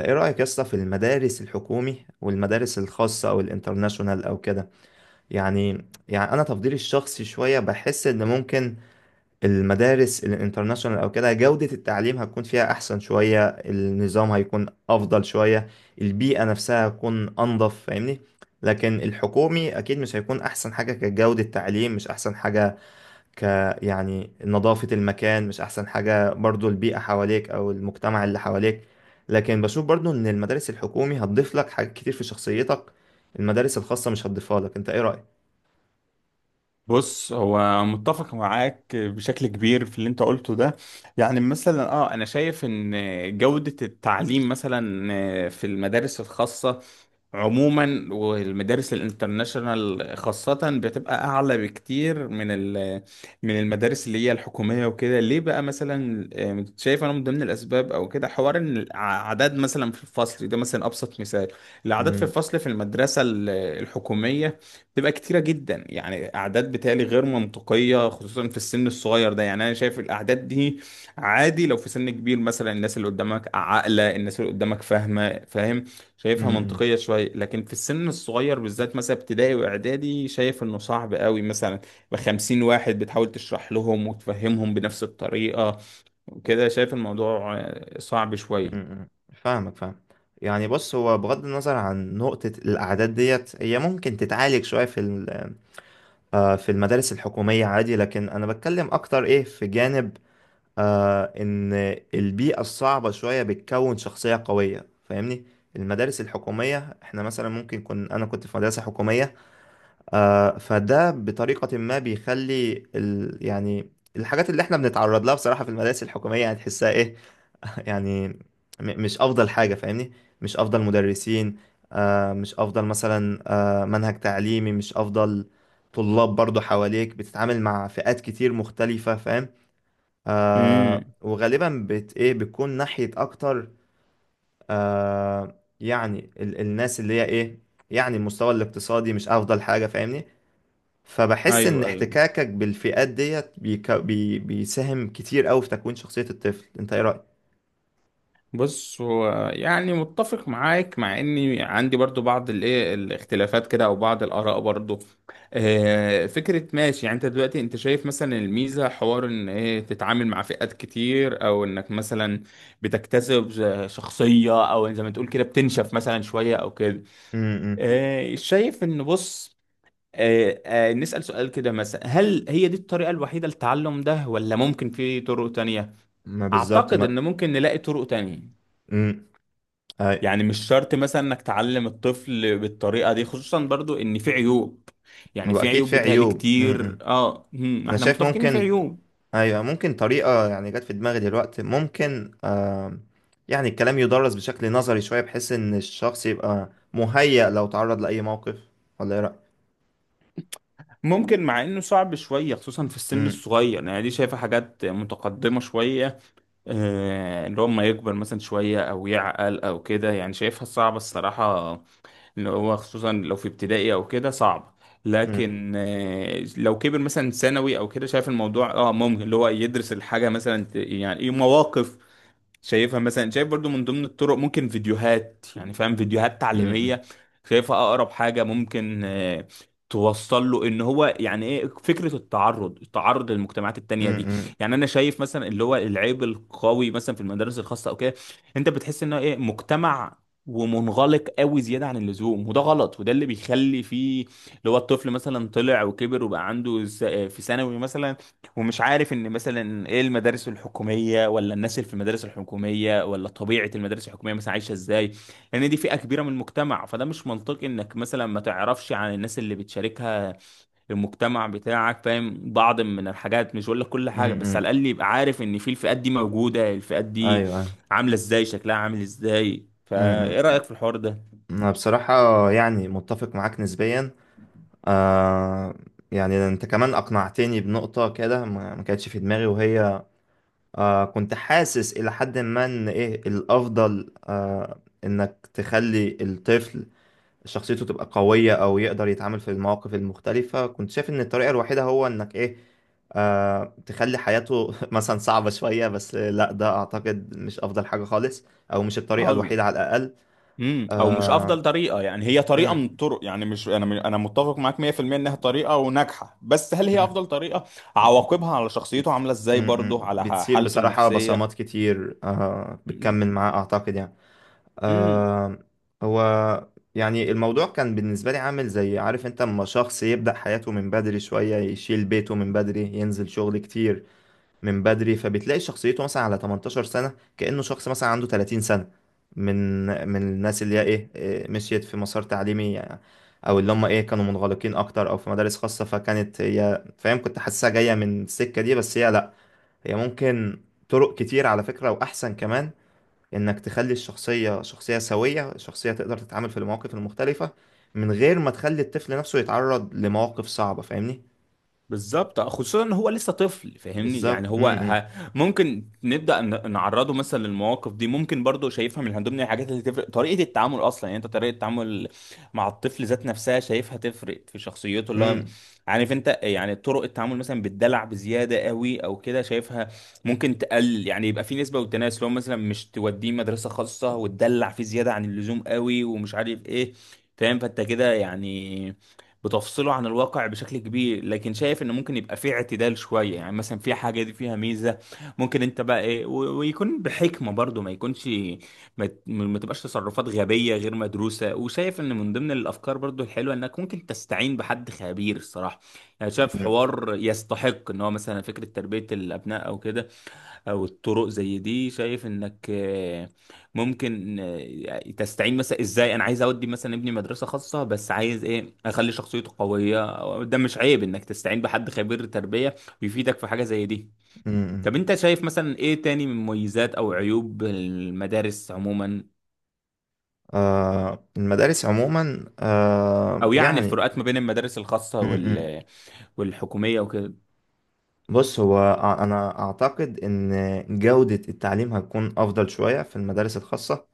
ايه رأيك يا اسطى في المدارس الحكومي والمدارس الخاصة او الانترناشونال او كده. يعني انا تفضيلي الشخصي شوية بحس ان ممكن المدارس الانترناشونال او كده جودة التعليم هتكون فيها احسن شوية، النظام هيكون افضل شوية، البيئة نفسها هتكون انضف، فاهمني؟ لكن الحكومي اكيد مش هيكون احسن حاجة كجودة تعليم، مش احسن حاجة ك يعني نظافة المكان، مش أحسن حاجة برضو البيئة حواليك أو المجتمع اللي حواليك. لكن بشوف برضو إن المدارس الحكومي هتضيف لك حاجات كتير في شخصيتك، المدارس الخاصة مش هتضيفها لك. أنت إيه رأيك؟ بص، هو متفق معاك بشكل كبير في اللي انت قلته ده. يعني مثلا انا شايف ان جودة التعليم مثلا في المدارس الخاصة عموما والمدارس الانترناشونال خاصة بتبقى أعلى بكتير من المدارس اللي هي الحكومية وكده. ليه بقى مثلا شايف أنا من ضمن الأسباب أو كده حوار إن الأعداد مثلا في الفصل ده مثلا أبسط مثال. الأعداد في مم، الفصل في المدرسة الحكومية تبقى كتيرة جدا، يعني أعداد بتالي غير منطقية خصوصا في السن الصغير ده. يعني أنا شايف الأعداد دي عادي لو في سن كبير، مثلا الناس اللي قدامك عاقلة، الناس اللي قدامك فاهمة، فاهم. شايفها مم، منطقية شوية، لكن في السن الصغير بالذات مثلا ابتدائي وإعدادي شايف إنه صعب قوي، مثلا بخمسين واحد بتحاول تشرح لهم وتفهمهم بنفس الطريقة، وكده شايف الموضوع صعب مم، شوية. مم. فاهمك، فاهم. يعني بص، هو بغض النظر عن نقطة الأعداد ديت هي ممكن تتعالج شوية في في المدارس الحكومية عادي، لكن أنا بتكلم أكتر إيه في جانب إن البيئة الصعبة شوية بتكون شخصية قوية، فاهمني؟ المدارس الحكومية احنا مثلا ممكن أنا كنت في مدرسة حكومية، فده بطريقة ما بيخلي يعني الحاجات اللي احنا بنتعرض لها بصراحة في المدارس الحكومية هتحسها ايه. يعني م- مش أفضل حاجة، فاهمني؟ مش أفضل مدرسين، مش أفضل مثلا منهج تعليمي، مش أفضل طلاب برضو حواليك، بتتعامل مع فئات كتير مختلفة، فاهم؟ امم. وغالبا بت ايه بتكون ناحية اكتر، يعني الناس اللي هي ايه، يعني المستوى الاقتصادي مش افضل حاجة، فاهمني؟ فبحس ان ايوه ايوه. احتكاكك بالفئات ديت بيك بي بيساهم كتير قوي في تكوين شخصية الطفل. انت ايه رأيك؟ بص هو، يعني متفق معاك، مع اني عندي برضو بعض الايه الاختلافات كده او بعض الاراء برضو. فكرة ماشي، يعني انت دلوقتي انت شايف مثلا الميزة حوار ان ايه تتعامل مع فئات كتير او انك مثلا بتكتسب شخصية او زي ما تقول كده بتنشف مثلا شوية او كده. امم، شايف ان بص، نسأل سؤال كده مثلا، هل هي دي الطريقة الوحيدة للتعلم ده ولا ممكن في طرق تانية؟ ما بالظبط، اعتقد ما ان ممكن نلاقي طرق تانية. امم اي، يعني مش شرط مثلا انك تعلم الطفل بالطريقة دي، خصوصا برضو ان في عيوب. يعني هو في اكيد عيوب في بتهيألي عيوب. امم، كتير، اه هم، انا احنا شايف متفقين ان في ممكن، عيوب. ايوه ممكن طريقة يعني جت في دماغي دلوقتي، ممكن آم، يعني الكلام يدرس بشكل نظري شوية بحيث ان الشخص يبقى مهيأ لو تعرض لأي موقف، ولا ايه رأيك؟ ممكن، مع انه صعب شوية خصوصا في السن أمم، الصغير، يعني دي شايفة حاجات متقدمة شوية، اللي هو ما يكبر مثلا شوية او يعقل او كده. يعني شايفها صعبة الصراحة، اللي هو خصوصا لو في ابتدائي او كده، صعب. أمم، لكن لو كبر مثلا ثانوي او كده، شايف الموضوع ممكن اللي هو يدرس الحاجه مثلا يعني ايه مواقف. شايفها مثلا، شايف برضو من ضمن الطرق ممكن فيديوهات، يعني فاهم، فيديوهات أمم، تعليمية. شايفها أقرب حاجة ممكن توصل له ان هو يعني ايه فكرة التعرض للمجتمعات التانية دي. أمم، يعني انا شايف مثلا اللي هو العيب القوي مثلا في المدارس الخاصة او كده، انت بتحس انه ايه مجتمع، ومنغلق قوي زيادة عن اللزوم، وده غلط، وده اللي بيخلي فيه اللي هو الطفل مثلا طلع وكبر وبقى عنده في ثانوي مثلا ومش عارف ان مثلا ايه المدارس الحكوميه ولا الناس اللي في المدارس الحكوميه ولا طبيعه المدارس الحكوميه مثلا عايشه ازاي. لان دي فئه كبيره من المجتمع، فده مش منطقي انك مثلا ما تعرفش عن الناس اللي بتشاركها المجتمع بتاعك، فاهم، بعض من الحاجات، مش بقول لك كل حاجه، أمم، بس أمم. على الاقل يبقى عارف ان في الفئات دي موجوده، الفئات ايوه دي ايوه، عامله ازاي، شكلها عامل ازاي. أمم، فايه أمم. رايك في الحوار ده؟ انا بصراحة يعني متفق معاك نسبيا. آه، يعني انت كمان اقنعتني بنقطة كده ما كانتش في دماغي، وهي كنت حاسس الى حد ما ان ايه الافضل، انك تخلي الطفل شخصيته تبقى قوية أو يقدر يتعامل في المواقف المختلفة. كنت شايف إن الطريقة الوحيدة هو إنك إيه آه تخلي حياته مثلا صعبة شوية، بس لا، ده أعتقد مش أفضل حاجة خالص، أو مش الطريقة الوحيدة على خالص. الأقل. امم. او مش افضل آه، طريقه، يعني هي طريقه مم، من الطرق، يعني مش، انا متفق معاك 100% انها طريقه وناجحه، بس هل هي مم، افضل طريقه؟ عواقبها على شخصيته بتس- عامله ازاي برضه، على بتسيب حالته بصراحة النفسيه. بصمات كتير، آه بتكمل معاه أعتقد يعني. امم. آه هو يعني الموضوع كان بالنسبة لي عامل زي، عارف انت، اما شخص يبدأ حياته من بدري شوية، يشيل بيته من بدري، ينزل شغل كتير من بدري، فبتلاقي شخصيته مثلا على 18 سنة كأنه شخص مثلا عنده 30 سنة، من من الناس اللي هي ايه إيه، مشيت في مسار تعليمي يعني، او اللي هم ايه كانوا منغلقين اكتر او في مدارس خاصة، فكانت هي، فاهم، كنت حاسسها جاية من السكة دي. بس هي لا، هي ممكن طرق كتير على فكرة، واحسن كمان، انك تخلي الشخصية شخصية سوية، شخصية تقدر تتعامل في المواقف المختلفة من غير ما تخلي الطفل نفسه يتعرض لمواقف صعبة، فاهمني؟ بالظبط، خصوصا ان هو لسه طفل، فاهمني، بالظبط، يعني هو امم، ممكن نبدا نعرضه مثلا للمواقف دي. ممكن برضه شايفها من ضمن الحاجات اللي تفرق، طريقه التعامل اصلا يعني، انت طريقه التعامل مع الطفل ذات نفسها شايفها تفرق في شخصيته امم، اللي هو. امم، عارف انت يعني، طرق التعامل مثلا بالدلع بزياده قوي او كده شايفها ممكن تقلل، يعني يبقى في نسبه والتناسب، لو مثلا مش توديه مدرسه خاصه وتدلع فيه زياده عن اللزوم قوي ومش عارف ايه، فاهم، فانت كده يعني بتفصله عن الواقع بشكل كبير. لكن شايف ان ممكن يبقى فيه اعتدال شوية، يعني مثلا في حاجة دي فيها ميزة، ممكن انت بقى ايه ويكون بحكمة برضو ما يكونش، ما تبقاش تصرفات غبية غير مدروسة. وشايف ان من ضمن الافكار برضو الحلوة انك ممكن تستعين بحد خبير الصراحة. يعني شايف إمم، حوار يستحق، ان هو مثلا فكرة تربية الابناء او كده، او الطرق زي دي، شايف انك ممكن تستعين مثلا ازاي، انا عايز اودي مثلا ابني مدرسة خاصة، بس عايز ايه اخلي شخصيته قوية، ده مش عيب انك تستعين بحد خبير تربية يفيدك في حاجة زي دي. إمم، إمم. طب انت شايف مثلا ايه تاني من مميزات او عيوب المدارس عموما؟ آه المدارس عموما آه او يعني يعني، الفروقات ما بين المدارس الخاصة امم، إمم. والحكومية وكده. بص، هو انا اعتقد ان جودة التعليم هتكون افضل شوية في المدارس الخاصة،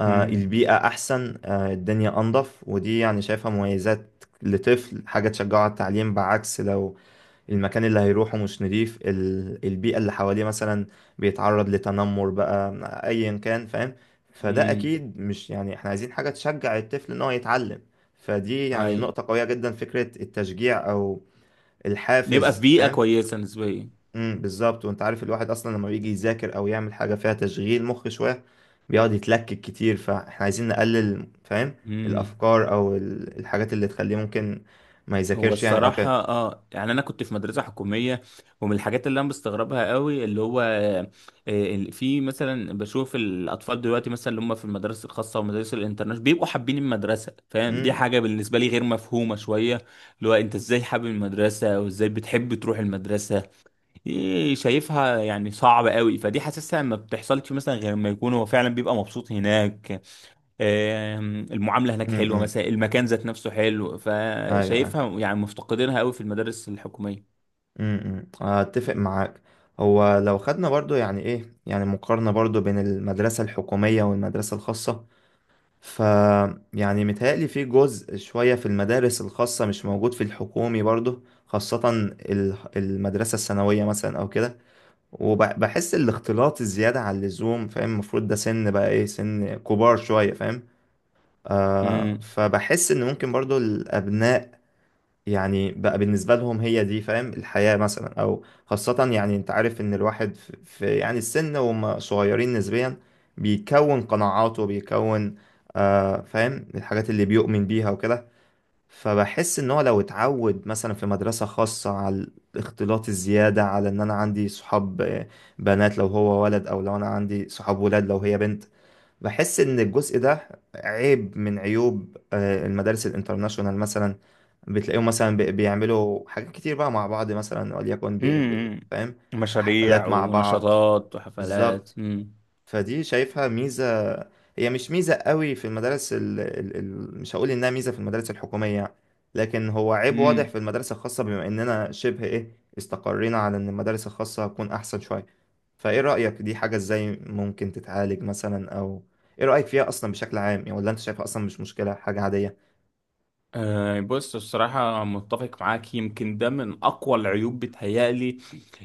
آه امم البيئة احسن، آه الدنيا انضف، ودي يعني شايفها مميزات لطفل، حاجة تشجعه على التعليم، بعكس لو المكان اللي هيروحه مش نضيف، البيئة اللي حواليه مثلا بيتعرض لتنمر بقى أيا كان، فاهم؟ فده امم. أكيد مش، يعني إحنا عايزين حاجة تشجع الطفل إن هو يتعلم، فدي يعني هاي، نقطة قوية جدا، فكرة التشجيع أو نبقى في الحافز، بيئة فاهم؟ كويسة نسبيا. بالظبط. وأنت عارف الواحد أصلا لما بيجي يذاكر أو يعمل حاجة فيها تشغيل مخ شوية بيقعد يتلكك كتير، فإحنا عايزين نقلل، فاهم، امم. الأفكار أو الحاجات اللي تخليه ممكن ما هو يذاكرش يعني أو الصراحة كده. يعني أنا كنت في مدرسة حكومية، ومن الحاجات اللي أنا بستغربها قوي اللي هو في مثلا بشوف الأطفال دلوقتي مثلا اللي هم في المدارس الخاصة والمدارس الانترناشونال بيبقوا حابين المدرسة، فاهم، دي امم، حاجة بالنسبة لي غير مفهومة شوية. اللي هو أنت إزاي حابب المدرسة وإزاي بتحب تروح المدرسة؟ دي شايفها يعني صعب قوي، فدي حاسسها ما بتحصلش مثلا غير ما يكون هو فعلا بيبقى مبسوط هناك. المعاملة هناك امم، حلوة أمم. مثلا، المكان ذات نفسه حلو، أيوه، أيوة. فشايفها يعني مفتقدينها قوي في المدارس الحكومية. اتفق معاك. هو لو خدنا برضو يعني ايه يعني مقارنة برضو بين المدرسة الحكومية والمدرسة الخاصة، ف يعني متهيألي في جزء شوية في المدارس الخاصة مش موجود في الحكومي برضو، خاصة المدرسة الثانوية مثلا او كده. وبحس الاختلاط الزيادة عن اللزوم، فاهم، المفروض ده سن بقى ايه سن كبار شوية، فاهم؟ آه امم فبحس ان ممكن برضو الابناء يعني بقى بالنسبة لهم هي دي، فاهم، الحياة مثلا أو خاصة، يعني أنت عارف إن الواحد في يعني السن وهم صغيرين نسبيا بيكون قناعاته بيكون آه، فاهم، الحاجات اللي بيؤمن بيها وكده. فبحس إن هو لو اتعود مثلا في مدرسة خاصة على الاختلاط الزيادة، على إن أنا عندي صحاب آه، بنات لو هو ولد، أو لو أنا عندي صحاب ولاد لو هي بنت، بحس ان الجزء ده عيب من عيوب آه، المدارس الانترناشونال مثلا. بتلاقيهم مثلا بيعملوا حاجات كتير بقى مع بعض مثلا، وليكن بي بي امم. فاهم، مشاريع حفلات مع بعض، ونشاطات وحفلات. بالظبط. امم. فدي شايفها ميزة، هي مش ميزة قوي في المدارس ال ال ال مش هقول انها ميزة في المدارس الحكومية، لكن هو عيب واضح امم. في المدارس الخاصة، بما اننا شبه ايه استقرينا على ان المدارس الخاصة هتكون احسن شوية. فايه رأيك، دي حاجة ازاي ممكن تتعالج مثلا، او ايه رأيك فيها اصلا بشكل عام يعني، ولا انت شايفها اصلا مش مشكلة، حاجة عادية؟ بص، الصراحة متفق معاك، يمكن ده من أقوى العيوب بتهيألي،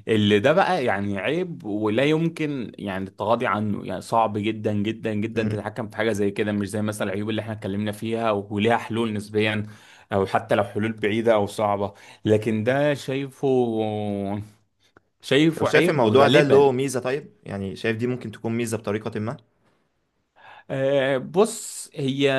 اللي ده بقى يعني عيب ولا يمكن يعني التغاضي عنه. يعني صعب جدا جدا جدا امم، تتحكم في حاجة زي كده، مش زي مثلا العيوب اللي احنا اتكلمنا فيها وليها حلول نسبيا، او حتى لو حلول بعيدة او صعبة. لكن ده شايفه، طب شايف عيب، الموضوع ده له وغالبا. ميزة؟ طيب يعني شايف دي ممكن تكون ميزة بطريقة ما؟ بص هي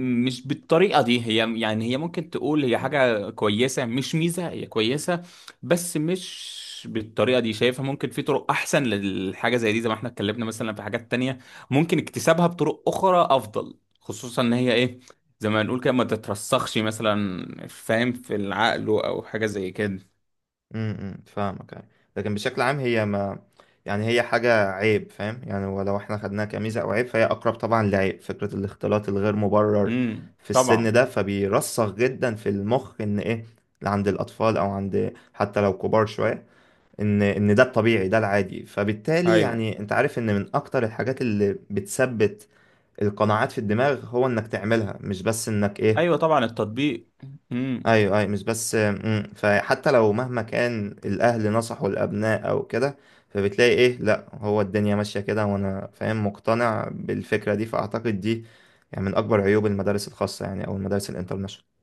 مش بالطريقة دي، هي يعني هي ممكن تقول هي حاجة كويسة مش ميزة، هي كويسة، بس مش بالطريقة دي شايفها. ممكن في طرق أحسن للحاجة زي دي، زي ما احنا اتكلمنا مثلا في حاجات تانية، ممكن اكتسابها بطرق أخرى أفضل، خصوصا إن هي إيه زي ما نقول كده ما تترسخش مثلا، فاهم، في العقل أو حاجة زي كده. امم، فاهمك يعني. لكن بشكل عام هي ما يعني، هي حاجة عيب، فاهم يعني، ولو احنا خدناها كميزة او عيب فهي اقرب طبعا لعيب، فكرة الاختلاط الغير مبرر في السن طبعا. ده. فبيرسخ جدا في المخ ان ايه، اللي عند الاطفال او عند حتى لو كبار شوية، ان ده الطبيعي، ده العادي، فبالتالي أيوه يعني انت عارف ان من اكتر الحاجات اللي بتثبت القناعات في الدماغ هو انك تعملها مش بس انك ايه. أيوه طبعا التطبيق. امم. ايوه ايوه، مش بس مم. فحتى لو مهما كان الاهل نصحوا الابناء او كده، فبتلاقي ايه، لا هو الدنيا ماشية كده وانا فاهم مقتنع بالفكرة دي. فاعتقد دي يعني من اكبر عيوب المدارس الخاصة يعني، او المدارس الانترناشونال.